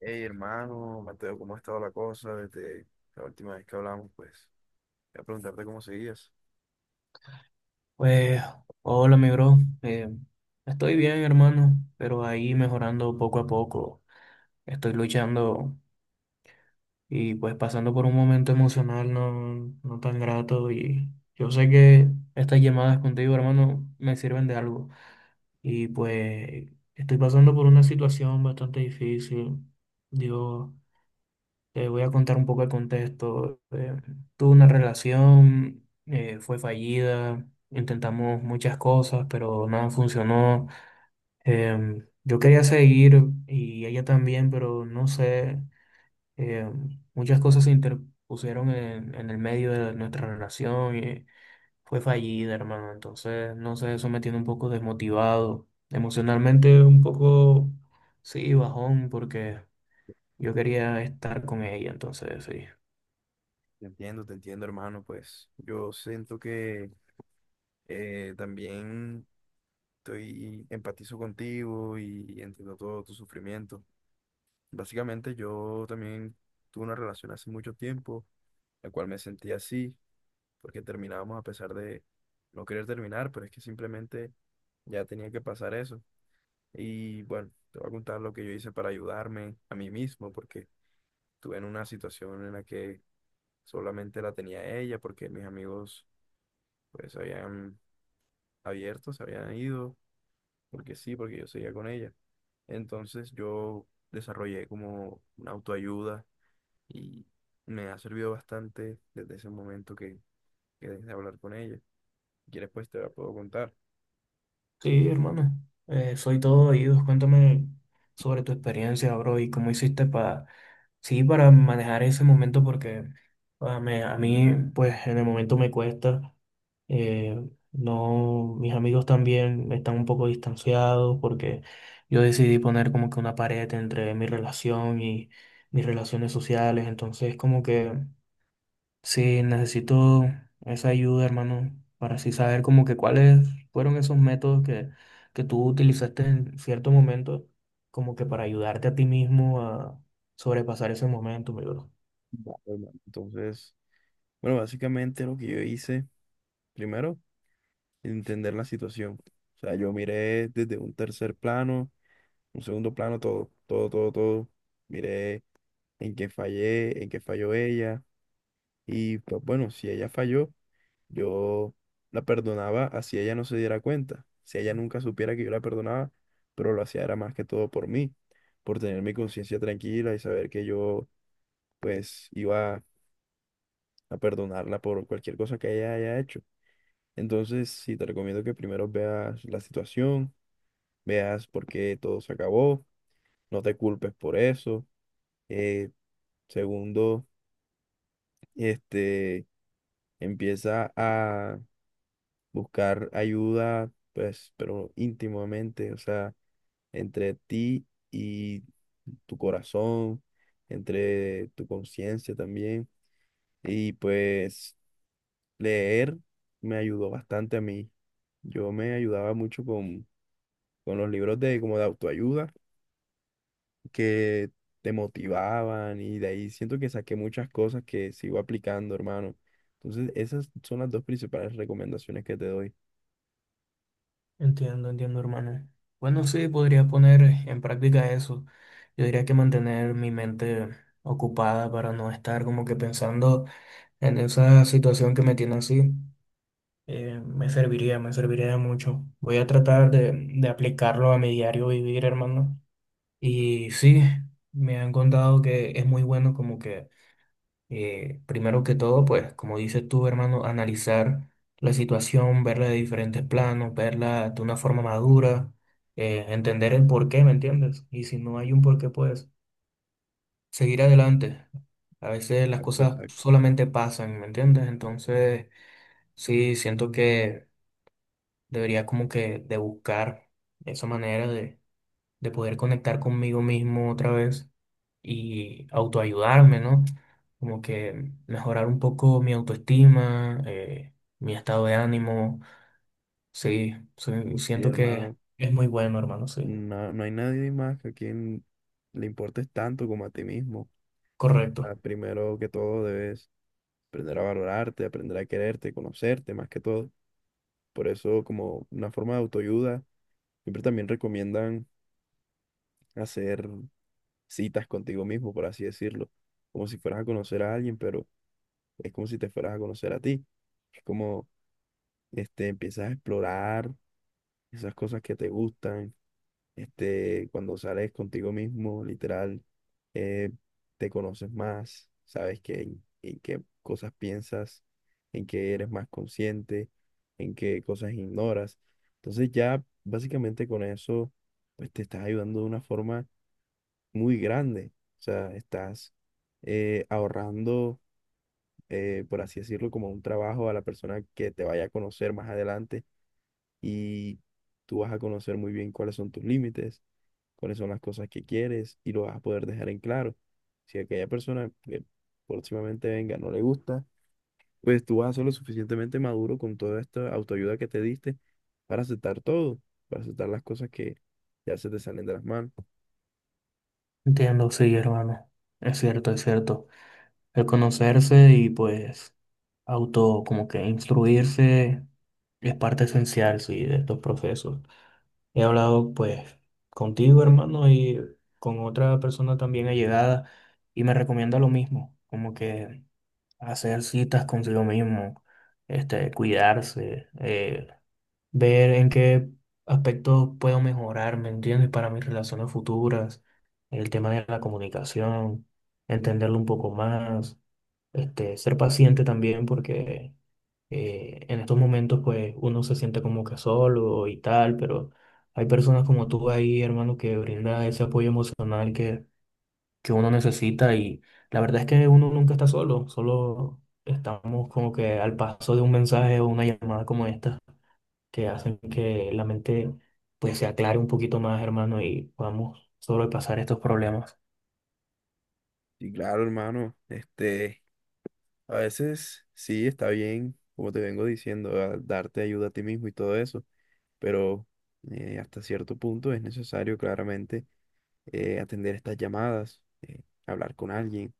Hey, hermano, Mateo, ¿cómo ha estado la cosa desde la última vez que hablamos? Pues, voy a preguntarte cómo seguías. Pues, hola, mi bro. Estoy bien, hermano, pero ahí mejorando poco a poco. Estoy luchando y pues pasando por un momento emocional no tan grato, y yo sé que estas llamadas contigo, hermano, me sirven de algo. Y pues estoy pasando por una situación bastante difícil. Dios. Te voy a contar un poco el contexto. Tuve una relación, fue fallida, intentamos muchas cosas, pero nada funcionó. Yo quería seguir y ella también, pero no sé, muchas cosas se interpusieron en el medio de nuestra relación y fue fallida, hermano. Entonces, no sé, eso me tiene un poco desmotivado. Emocionalmente un poco, sí, bajón, porque yo quería estar con ella, entonces, sí. Te entiendo, hermano. Pues, yo siento que también estoy empatizo contigo y entiendo todo tu sufrimiento. Básicamente, yo también tuve una relación hace mucho tiempo, la cual me sentí así, porque terminábamos a pesar de no querer terminar, pero es que simplemente ya tenía que pasar eso. Y bueno, te voy a contar lo que yo hice para ayudarme a mí mismo, porque estuve en una situación en la que solamente la tenía ella, porque mis amigos pues habían abierto, se habían ido, porque sí, porque yo seguía con ella. Entonces yo desarrollé como una autoayuda y me ha servido bastante desde ese momento que dejé de hablar con ella. Si quieres, pues te la puedo contar. Sí, hermano, soy todo oídos. Cuéntame sobre tu experiencia, bro, y cómo hiciste sí, para manejar ese momento, porque a mí, pues, en el momento me cuesta. eh, no, mis amigos también están un poco distanciados porque yo decidí poner como que una pared entre mi relación y mis relaciones sociales. Entonces, como que sí, necesito esa ayuda, hermano, para así saber como que cuáles fueron esos métodos que tú utilizaste en cierto momento, como que para ayudarte a ti mismo a sobrepasar ese momento, mi bro. Vale, hermano. Entonces, bueno, básicamente lo que yo hice, primero, entender la situación. O sea, yo miré desde un tercer plano, un segundo plano, todo, todo, todo, todo. Miré en qué fallé, en qué falló ella. Y pues bueno, si ella falló, yo la perdonaba así ella no se diera cuenta. Si ella nunca supiera que yo la perdonaba, pero lo hacía era más que todo por mí, por tener mi conciencia tranquila y saber que yo pues iba a perdonarla por cualquier cosa que ella haya hecho. Entonces, sí, te recomiendo que primero veas la situación, veas por qué todo se acabó, no te culpes por eso. Eh, Segundo, este, empieza a buscar ayuda, pues, pero íntimamente, o sea, entre ti y tu corazón, entre tu conciencia también. Y pues leer me ayudó bastante a mí. Yo me ayudaba mucho con los libros de como de autoayuda que te motivaban y de ahí siento que saqué muchas cosas que sigo aplicando, hermano. Entonces, esas son las dos principales recomendaciones que te doy. Entiendo, hermano. Bueno, sí, podría poner en práctica eso. Yo diría que mantener mi mente ocupada para no estar como que pensando en esa situación que me tiene así. Me serviría, me serviría de mucho. Voy a tratar de aplicarlo a mi diario vivir, hermano. Y sí, me han contado que es muy bueno como primero que todo, pues, como dices tú, hermano, analizar la situación, verla de diferentes planos, verla de una forma madura, entender el porqué, ¿me entiendes? Y si no hay un porqué, pues, seguir adelante. A veces las Exacto, cosas exacto. solamente pasan, ¿me entiendes? Entonces, sí, siento que... Debería como que de buscar esa manera de poder conectar conmigo mismo otra vez y autoayudarme, ¿no? Como que mejorar un poco mi autoestima, mi estado de ánimo. Sí, sí, Sí, siento que hermano, es muy bueno, hermano, sí. no, no hay nadie más que a quien le importes tanto como a ti mismo. Ah, Correcto. primero que todo debes aprender a valorarte, aprender a quererte, conocerte más que todo. Por eso, como una forma de autoayuda, siempre también recomiendan hacer citas contigo mismo, por así decirlo, como si fueras a conocer a alguien, pero es como si te fueras a conocer a ti. Es como, este, empiezas a explorar esas cosas que te gustan. Este, cuando sales contigo mismo, literal, eh, te conoces más, sabes en qué cosas piensas, en qué eres más consciente, en qué cosas ignoras. Entonces ya básicamente con eso, pues te estás ayudando de una forma muy grande. O sea, estás ahorrando por así decirlo, como un trabajo a la persona que te vaya a conocer más adelante y tú vas a conocer muy bien cuáles son tus límites, cuáles son las cosas que quieres y lo vas a poder dejar en claro. Si aquella persona que próximamente venga no le gusta, pues tú vas a ser lo suficientemente maduro con toda esta autoayuda que te diste para aceptar todo, para aceptar las cosas que ya se te salen de las manos. Entiendo, sí, hermano. Es cierto, es cierto. El conocerse y pues auto como que instruirse es parte esencial, sí, de estos procesos. He hablado pues contigo, hermano, y con otra persona también allegada y me recomienda lo mismo, como que hacer citas consigo mismo, este, cuidarse, ver en qué aspectos puedo mejorar, ¿me entiendes? Para mis relaciones futuras, el tema de la comunicación, entenderlo un poco más, este, ser paciente también porque en estos momentos pues uno se siente como que solo y tal, pero hay personas como tú ahí, hermano, que brinda ese apoyo emocional que uno necesita, y la verdad es que uno nunca está solo, solo estamos como que al paso de un mensaje o una llamada como esta que hacen que la mente pues se aclare un poquito más, hermano, y podamos sobrepasar estos problemas. Y claro, hermano, este, a veces sí está bien, como te vengo diciendo, a- darte ayuda a ti mismo y todo eso, pero hasta cierto punto es necesario claramente atender estas llamadas, hablar con alguien,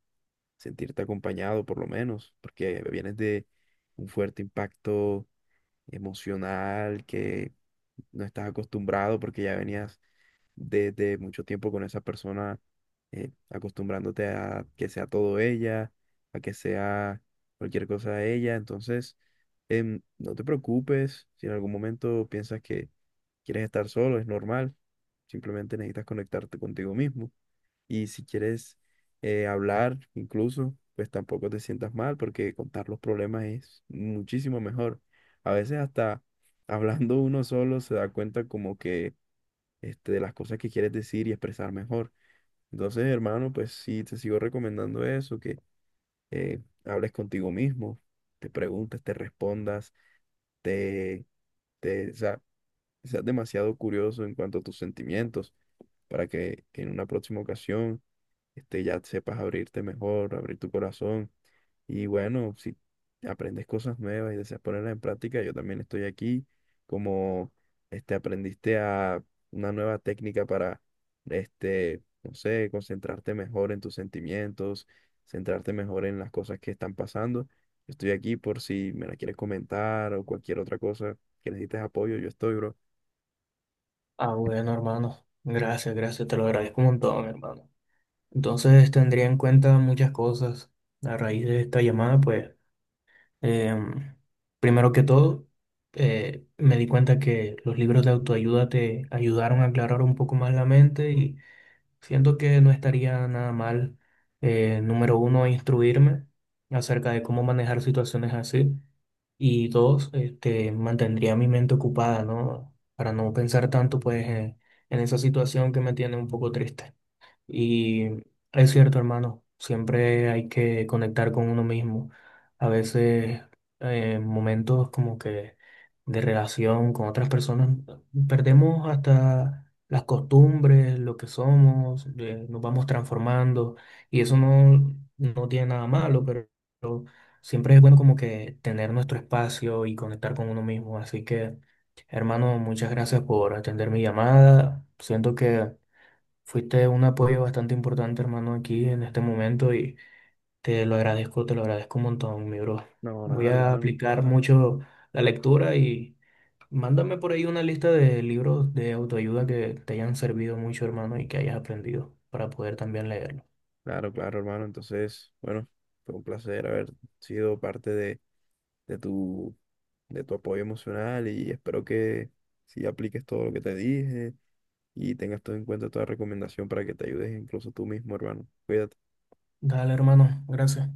sentirte acompañado por lo menos, porque vienes de un fuerte impacto emocional que no estás acostumbrado porque ya venías desde mucho tiempo con esa persona, acostumbrándote a que sea todo ella, a que sea cualquier cosa de ella, entonces no te preocupes si en algún momento piensas que quieres estar solo, es normal. Simplemente necesitas conectarte contigo mismo. Y si quieres hablar, incluso, pues tampoco te sientas mal porque contar los problemas es muchísimo mejor. A veces hasta hablando uno solo se da cuenta como que este, de las cosas que quieres decir y expresar mejor. Entonces, hermano, pues sí, te sigo recomendando eso, que hables contigo mismo, te preguntes, te respondas, te, o sea, seas demasiado curioso en cuanto a tus sentimientos, para que en una próxima ocasión este, ya sepas abrirte mejor, abrir tu corazón. Y bueno, si aprendes cosas nuevas y deseas ponerlas en práctica, yo también estoy aquí. Como este, aprendiste a una nueva técnica para, este, no sé, concentrarte mejor en tus sentimientos, centrarte mejor en las cosas que están pasando. Estoy aquí por si me la quieres comentar o cualquier otra cosa que necesites apoyo, yo estoy, bro. Ah, bueno, hermano. Gracias, gracias, te lo agradezco un montón, hermano. Entonces tendría en cuenta muchas cosas a raíz de esta llamada, pues em, primero que todo, me di cuenta que los libros de autoayuda te ayudaron a aclarar un poco más la mente y siento que no estaría nada mal, número 1, instruirme acerca de cómo manejar situaciones así, y dos, este, mantendría mi mente ocupada, ¿no? Para no pensar tanto pues en esa situación que me tiene un poco triste. Y es cierto, hermano, siempre hay que conectar con uno mismo. A veces, momentos como que de relación con otras personas, perdemos hasta las costumbres, lo que somos, nos vamos transformando y eso no tiene nada malo, pero siempre es bueno como que tener nuestro espacio y conectar con uno mismo. Así que, hermano, muchas gracias por atender mi llamada. Siento que... Fuiste un apoyo bastante importante, hermano, aquí en este momento y te lo agradezco un montón, mi bro. No, nada, Voy a hermano. aplicar mucho la lectura y mándame por ahí una lista de libros de autoayuda que te hayan servido mucho, hermano, y que hayas aprendido para poder también leerlo. Claro, claro, hermano. Entonces, bueno, fue un placer haber sido parte de tu, de tu apoyo emocional y espero que sí apliques todo lo que te dije y tengas todo en cuenta toda recomendación para que te ayudes incluso tú mismo, hermano. Cuídate. Dale, hermano, gracias.